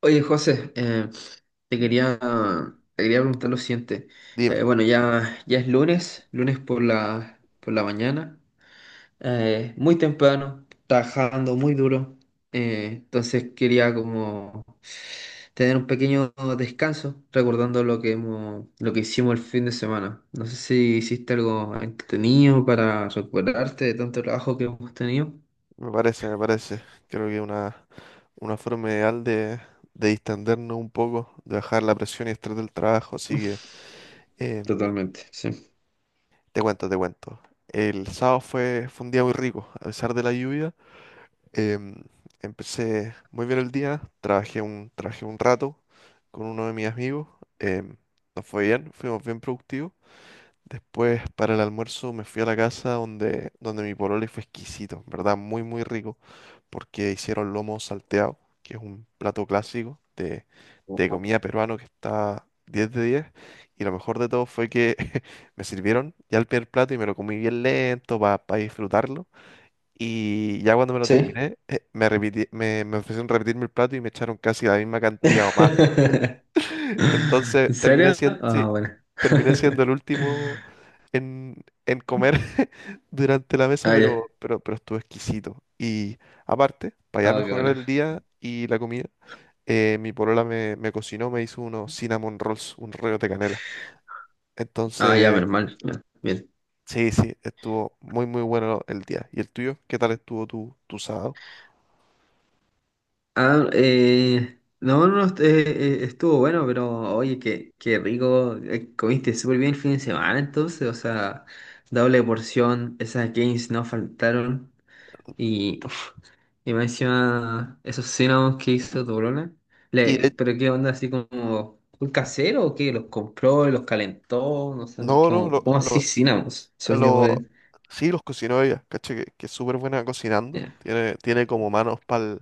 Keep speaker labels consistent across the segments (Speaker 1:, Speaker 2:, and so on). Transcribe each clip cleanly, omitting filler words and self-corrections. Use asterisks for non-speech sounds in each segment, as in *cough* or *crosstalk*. Speaker 1: Oye, José, te quería, te quería preguntar lo siguiente.
Speaker 2: Dime,
Speaker 1: Bueno, ya es lunes, lunes por la mañana, muy temprano, trabajando muy duro. Entonces quería como tener un pequeño descanso, recordando lo que hicimos el fin de semana. No sé si hiciste algo entretenido para recuperarte de tanto trabajo que hemos tenido.
Speaker 2: me parece. Creo que una forma ideal de distendernos un poco, de bajar la presión y estrés del trabajo. Así que em,
Speaker 1: Totalmente, sí.
Speaker 2: te cuento. El sábado fue un día muy rico, a pesar de la lluvia. em, empecé muy bien el día, trabajé un rato con uno de mis amigos. em, nos fue bien, fuimos bien productivos. Después, para el almuerzo, me fui a la casa donde mi pololo y fue exquisito, ¿en verdad? Muy, muy rico, porque hicieron lomo salteado, que es un plato clásico de comida peruano que está 10 de 10. Y lo mejor de todo fue que *laughs* me sirvieron ya el primer plato y me lo comí bien lento para disfrutarlo. Y ya cuando me lo
Speaker 1: Sí.
Speaker 2: terminé, me ofrecieron repetirme el plato y me echaron casi la misma cantidad o más.
Speaker 1: *laughs*
Speaker 2: *laughs* Entonces,
Speaker 1: ¿En
Speaker 2: terminé
Speaker 1: serio?
Speaker 2: siendo, sí,
Speaker 1: Ah, bueno.
Speaker 2: terminé siendo el
Speaker 1: *laughs*
Speaker 2: último en comer *laughs* durante la mesa,
Speaker 1: Ah, ya.
Speaker 2: pero estuvo exquisito. Y aparte, para ya
Speaker 1: Ah, qué
Speaker 2: mejorar
Speaker 1: bueno.
Speaker 2: el día y la comida, mi polola me cocinó, me hizo unos cinnamon rolls, un rollo de canela.
Speaker 1: Ah, ya,
Speaker 2: Entonces,
Speaker 1: menos mal. Ya, bien.
Speaker 2: sí, sí, estuvo muy, muy bueno el día. ¿Y el tuyo? ¿Qué tal estuvo tu sábado?
Speaker 1: Ah, no, no, est- estuvo bueno, pero oye, qué, qué rico. Comiste súper bien el fin de semana, entonces, o sea, doble porción. Esas gains no faltaron. Y y más encima, esos cinnamons que hizo tu brona,
Speaker 2: Y de-
Speaker 1: le, pero qué onda, así como, ¿un casero o qué? ¿Los compró, los calentó? No sé, no-
Speaker 2: no, no,
Speaker 1: como, ¿cómo así cinnamons? Son yo,
Speaker 2: lo-
Speaker 1: eh.
Speaker 2: sí, los cocinó ella, caché, que es súper buena cocinando.
Speaker 1: Ya.
Speaker 2: Tiene como manos para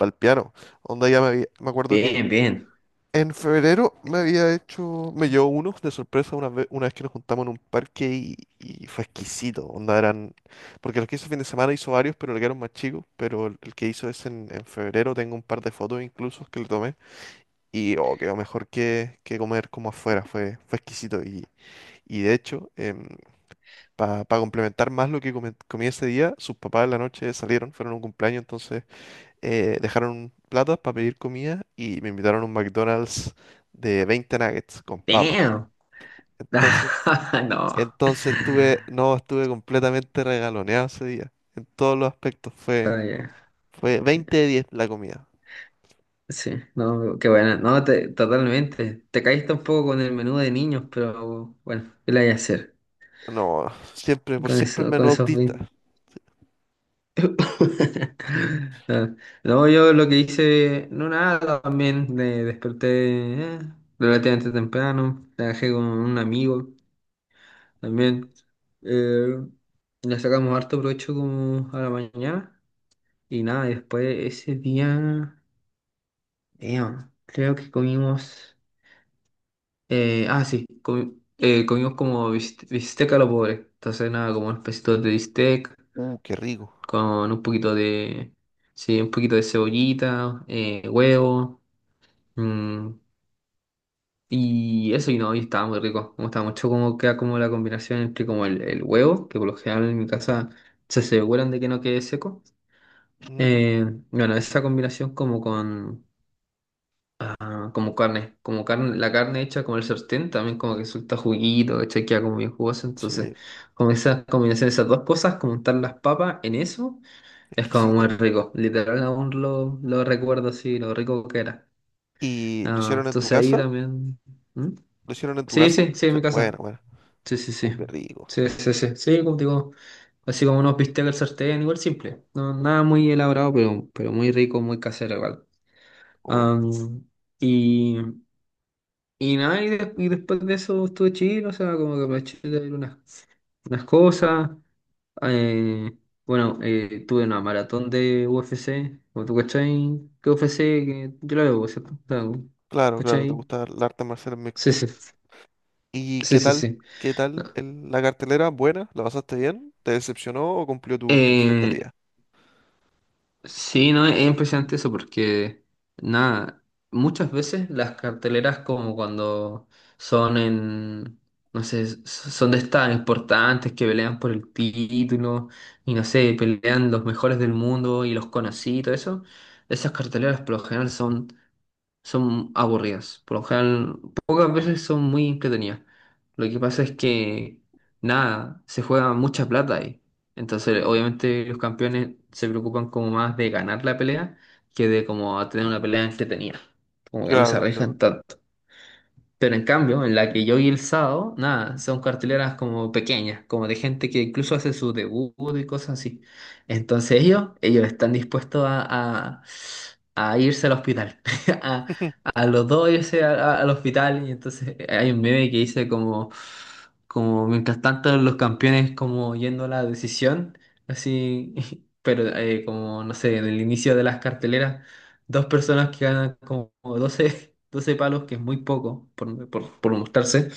Speaker 2: el piano. Onda, ya me acuerdo que
Speaker 1: Bien, bien.
Speaker 2: en febrero me había hecho, me llevó unos de sorpresa una vez que nos juntamos en un parque y fue exquisito. Onda eran, porque los que hizo fin de semana hizo varios, pero le quedaron más chicos. Pero el que hizo es en febrero, tengo un par de fotos incluso que le tomé. Y oh, quedó mejor que comer como afuera, fue exquisito. Y de hecho, para complementar más lo que comí ese día, sus papás en la noche salieron, fueron a un cumpleaños, entonces dejaron plata para pedir comida y me invitaron a un McDonald's de 20 nuggets con papas.
Speaker 1: Damn. *laughs*
Speaker 2: Entonces,
Speaker 1: No.
Speaker 2: entonces estuve, no, estuve completamente regaloneado ese día. En todos los aspectos fue,
Speaker 1: Ah, ya.
Speaker 2: fue
Speaker 1: Sí,
Speaker 2: 20 de 10 la comida.
Speaker 1: sí. No, qué buena. No, te- totalmente. Te caíste un poco con el menú de niños, pero bueno, ¿qué le hay a hacer?
Speaker 2: No, siempre, por
Speaker 1: Con
Speaker 2: siempre el
Speaker 1: eso,
Speaker 2: menú
Speaker 1: con esos
Speaker 2: autista.
Speaker 1: *laughs* Ah, no, yo lo que hice, no nada, también me desperté relativamente temprano, trabajé con un amigo también, eh, le sacamos harto provecho como a la mañana y nada, y después ese día, damn, creo que comimos, ah sí, comimos como bistec a lo pobre, entonces nada, como un de bistec.
Speaker 2: Qué rico.
Speaker 1: Con un poquito de, sí, un poquito de cebollita, huevo, mm, y eso y no, y estaba muy rico, me gustaba mucho cómo queda como la combinación entre como el huevo, que por lo general en mi casa se aseguran de que no quede seco,
Speaker 2: Mm,
Speaker 1: eh, bueno, esa combinación como con, ah, como carne, la carne hecha como el sartén, también como que suelta juguito, hecha queda como bien jugoso, entonces
Speaker 2: sí,
Speaker 1: como esa combinación de esas dos cosas, como untar las papas en eso. Es como muy
Speaker 2: exquisito.
Speaker 1: rico, literal aún lo recuerdo así, lo rico que era.
Speaker 2: ¿Y lo
Speaker 1: Ah,
Speaker 2: hicieron en tu
Speaker 1: entonces ahí
Speaker 2: casa?
Speaker 1: también... ¿Mm?
Speaker 2: ¿Lo hicieron en tu
Speaker 1: Sí,
Speaker 2: casa?
Speaker 1: sí, sí, en
Speaker 2: Sí,
Speaker 1: mi
Speaker 2: bueno,
Speaker 1: casa.
Speaker 2: bueno.
Speaker 1: Sí, sí, sí.
Speaker 2: Qué rico.
Speaker 1: Sí, sí, sí. Sí, como digo, así como unos bistecs al sartén, igual simple. No, nada muy elaborado, pero muy rico, muy casero igual.
Speaker 2: Obvio.
Speaker 1: Am, y, y nada, y, de- y después de eso estuve chill, o sea, como que aproveché de ver unas, unas cosas. Eh, bueno, tuve una maratón de UFC, como tú cachai, que UFC, que yo la veo, ¿cierto? La veo,
Speaker 2: Claro, claro, te
Speaker 1: ¿cachai?
Speaker 2: gusta el arte marcial
Speaker 1: Sí,
Speaker 2: mixto.
Speaker 1: sí,
Speaker 2: ¿Y
Speaker 1: sí,
Speaker 2: qué
Speaker 1: sí,
Speaker 2: tal?
Speaker 1: sí.
Speaker 2: ¿Qué tal el- la cartelera? ¿Buena? ¿La pasaste bien? ¿Te decepcionó o cumplió tu
Speaker 1: Eh,
Speaker 2: expectativa?
Speaker 1: sí, no, es impresionante eso porque, nada, muchas veces las carteleras como cuando son en, no sé, s- son de estas importantes que pelean por el título y no sé, pelean los mejores del mundo y los conocí y todo eso, esas carteleras por lo general son aburridas. Por lo general, pocas veces son muy entretenidas. Lo que pasa es que, nada, se juega mucha plata ahí. Entonces, obviamente, los campeones se preocupan como más de ganar la pelea que de como tener una pelea entretenida. Como que no
Speaker 2: Claro,
Speaker 1: se
Speaker 2: te
Speaker 1: arriesgan
Speaker 2: entiendo.
Speaker 1: tanto. Pero en cambio, en la que yo vi el sábado, nada, son carteleras como pequeñas, como de gente que incluso hace su debut y cosas así. Entonces ellos están dispuestos a, a irse al hospital. *laughs* A,
Speaker 2: *laughs*
Speaker 1: a los dos irse al hospital. Y entonces hay un meme que dice como, como mientras tanto los campeones como yendo a la decisión, así, *laughs* pero como, no sé, en el inicio de las carteleras. Dos personas que ganan como 12 *laughs* 12 palos, que es muy poco por mostrarse,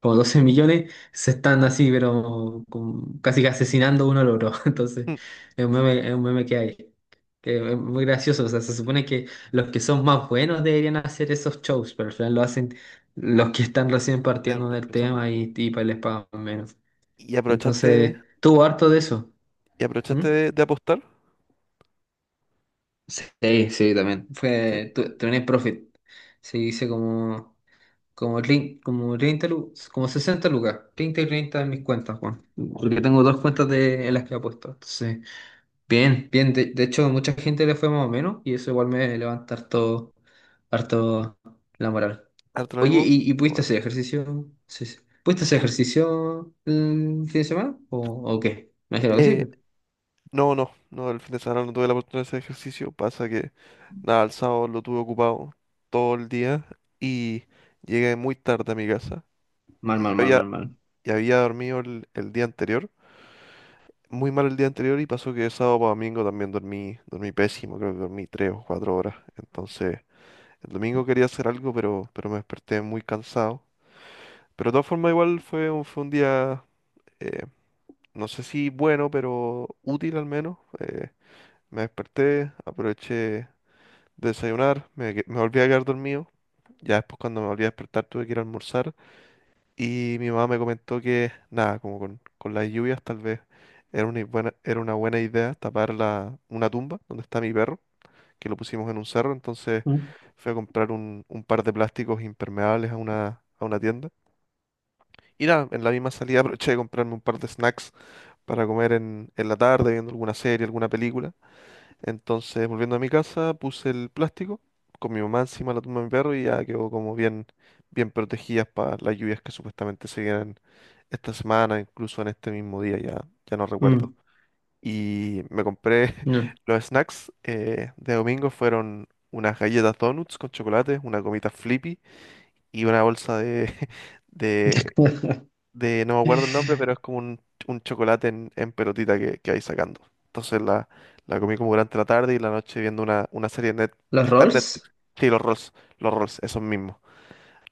Speaker 1: como 12 millones, se están así, pero con- casi que asesinando uno al otro. *laughs* Entonces, es un meme que hay, que es muy gracioso. O sea, se supone que los que son más buenos deberían hacer esos shows, pero al final lo hacen los que están recién
Speaker 2: Ya
Speaker 1: partiendo
Speaker 2: estoy
Speaker 1: del
Speaker 2: empezando.
Speaker 1: tema y pa- les pagan menos.
Speaker 2: ¿Y aprovechaste,
Speaker 1: Entonces, tuvo harto de eso.
Speaker 2: y
Speaker 1: ¿Mm?
Speaker 2: aprovechaste de apostar?
Speaker 1: Sí, sí, también.
Speaker 2: Sí,
Speaker 1: Fue, tu- Tuning Profit. Se dice como. Como, trein- como 30 lu- como 60 lucas, 30 y 30 en mis cuentas, Juan. Porque tengo dos cuentas de, en las que he puesto. Entonces, bien, bien. De hecho, mucha gente le fue más o menos y eso igual me levanta harto, harto la moral.
Speaker 2: harto lo
Speaker 1: Oye,
Speaker 2: mismo.
Speaker 1: y
Speaker 2: Y
Speaker 1: pudiste
Speaker 2: bueno,
Speaker 1: hacer ejercicio? Sí, sí. ¿Pudiste hacer
Speaker 2: eh,
Speaker 1: ejercicio el fin de semana? O qué? Me
Speaker 2: eh,
Speaker 1: imagino que sí,
Speaker 2: eh,
Speaker 1: pues.
Speaker 2: no, no, no, el fin de semana no tuve la oportunidad de hacer ejercicio. Pasa que, nada, el sábado lo tuve ocupado todo el día y llegué muy tarde a mi casa.
Speaker 1: Mal,
Speaker 2: Y ya
Speaker 1: mal, mal,
Speaker 2: había,
Speaker 1: mal, mal.
Speaker 2: ya había dormido el día anterior muy mal el día anterior y pasó que de sábado para domingo también dormí pésimo, creo que dormí 3 o 4 horas. Entonces, el domingo quería hacer algo, pero me desperté muy cansado. Pero de todas formas, igual fue un día, eh, no sé si bueno, pero útil al menos. Me desperté, aproveché de desayunar, me volví a quedar dormido. Ya después cuando me volví a despertar tuve que ir a almorzar. Y mi mamá me comentó que, nada, como con las lluvias tal vez era una buena idea tapar una tumba donde está mi perro, que lo pusimos en un cerro, entonces
Speaker 1: Mm,
Speaker 2: fui a comprar un par de plásticos impermeables a una tienda. Y nada, en la misma salida *laughs* aproveché de comprarme un par de snacks para comer en la tarde, viendo alguna serie, alguna película. Entonces, volviendo a mi casa, puse el plástico con mi mamá encima de la tumba de mi perro y ya quedó como bien, bien protegidas para las lluvias que supuestamente se vienen esta semana, incluso en este mismo día, ya, ya no recuerdo.
Speaker 1: mm,
Speaker 2: Y me compré
Speaker 1: no.
Speaker 2: *laughs* los snacks de domingo, fueron unas galletas donuts con chocolate, una gomita Flippy y una bolsa de, *laughs* de
Speaker 1: *laughs*
Speaker 2: de, no me acuerdo el nombre, pero es como un chocolate en pelotita que vais sacando. Entonces la comí como durante la tarde y la noche viendo una serie de net,
Speaker 1: ¿Los
Speaker 2: que está en
Speaker 1: rolls?
Speaker 2: Netflix. Sí, los Rolls, esos mismos.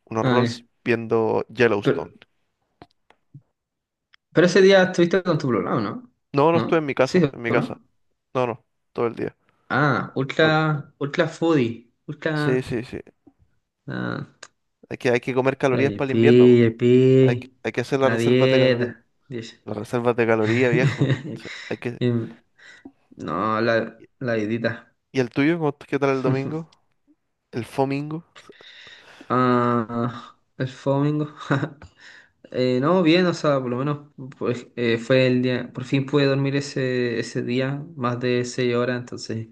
Speaker 2: Unos
Speaker 1: Ah,
Speaker 2: Rolls viendo
Speaker 1: ya.
Speaker 2: Yellowstone.
Speaker 1: Pero ese día estuviste con tu programa, ¿no?
Speaker 2: No, no estuve en
Speaker 1: ¿No?
Speaker 2: mi
Speaker 1: Sí,
Speaker 2: casa, en mi
Speaker 1: ¿o
Speaker 2: casa.
Speaker 1: ¿no?
Speaker 2: No, no, todo el día.
Speaker 1: Ah,
Speaker 2: Solo.
Speaker 1: ultra, ultra foodie,
Speaker 2: Sí,
Speaker 1: ultra,
Speaker 2: sí, sí.
Speaker 1: ah,
Speaker 2: Hay que comer
Speaker 1: ya,
Speaker 2: calorías para el invierno. Po.
Speaker 1: ya, pi,
Speaker 2: Hay que hacer las
Speaker 1: la
Speaker 2: reservas de calorías.
Speaker 1: dieta, dice.
Speaker 2: Las reservas de calorías, viejo.
Speaker 1: *laughs*
Speaker 2: Sí, hay que...
Speaker 1: Em, no, la,
Speaker 2: ¿Y
Speaker 1: la dietita.
Speaker 2: el tuyo? ¿Cómo- ¿Qué tal el domingo?
Speaker 1: *laughs*
Speaker 2: ¿El fomingo?
Speaker 1: Ah, el domingo. *laughs* No, bien, o sea, por lo menos pues, fue el día, por fin pude dormir ese día, más de 6 horas, entonces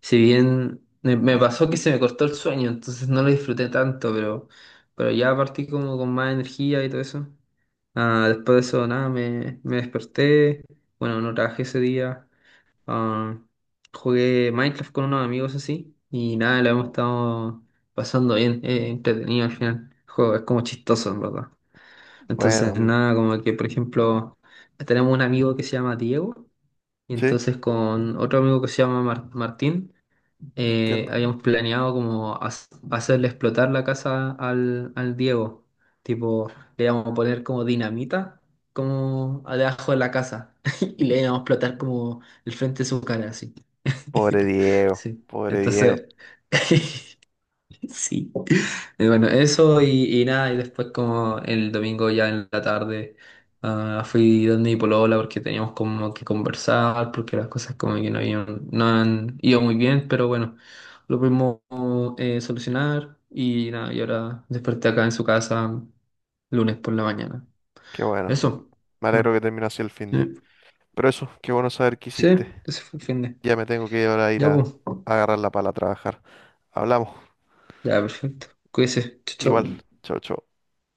Speaker 1: si bien me pasó que se me cortó el sueño, entonces no lo disfruté tanto, pero ya partí como con más energía y todo eso. Ah, después de eso, nada, me desperté. Bueno, no trabajé ese día. Ah, jugué Minecraft con unos amigos así. Y nada, lo hemos estado pasando bien, entretenido al final. El juego es como chistoso, en verdad.
Speaker 2: Bueno,
Speaker 1: Entonces,
Speaker 2: mira.
Speaker 1: nada, como que, por ejemplo, tenemos un amigo que se llama Diego. Y
Speaker 2: Sí,
Speaker 1: entonces con otro amigo que se llama Martín
Speaker 2: entiendo.
Speaker 1: habíamos planeado como hacerle explotar la casa al Diego. Tipo, le íbamos a poner como dinamita, como debajo de la casa. *laughs* Y le íbamos a explotar como el frente de su cara, así.
Speaker 2: Pobre
Speaker 1: *laughs*
Speaker 2: Diego,
Speaker 1: Sí.
Speaker 2: pobre Diego.
Speaker 1: Entonces, *laughs* sí. Y bueno, eso y nada, y después como el domingo ya en la tarde ah, fui donde mi polola porque teníamos como que conversar, porque las cosas como que no habían, no han ido muy bien, pero bueno, lo pudimos solucionar y nada, y ahora desperté acá en su casa lunes por la mañana.
Speaker 2: Qué bueno.
Speaker 1: Eso.
Speaker 2: Me
Speaker 1: Mm.
Speaker 2: alegro que terminó así el fin de.
Speaker 1: Sí,
Speaker 2: Pero eso, qué bueno saber que
Speaker 1: sí,
Speaker 2: hiciste.
Speaker 1: ese fue el fin de.
Speaker 2: Ya me tengo que ahora ir
Speaker 1: Ya, pues.
Speaker 2: a agarrar la pala a trabajar. Hablamos.
Speaker 1: Ya, perfecto. Cuídese. Chau,
Speaker 2: Igual.
Speaker 1: chau.
Speaker 2: Chau, chau.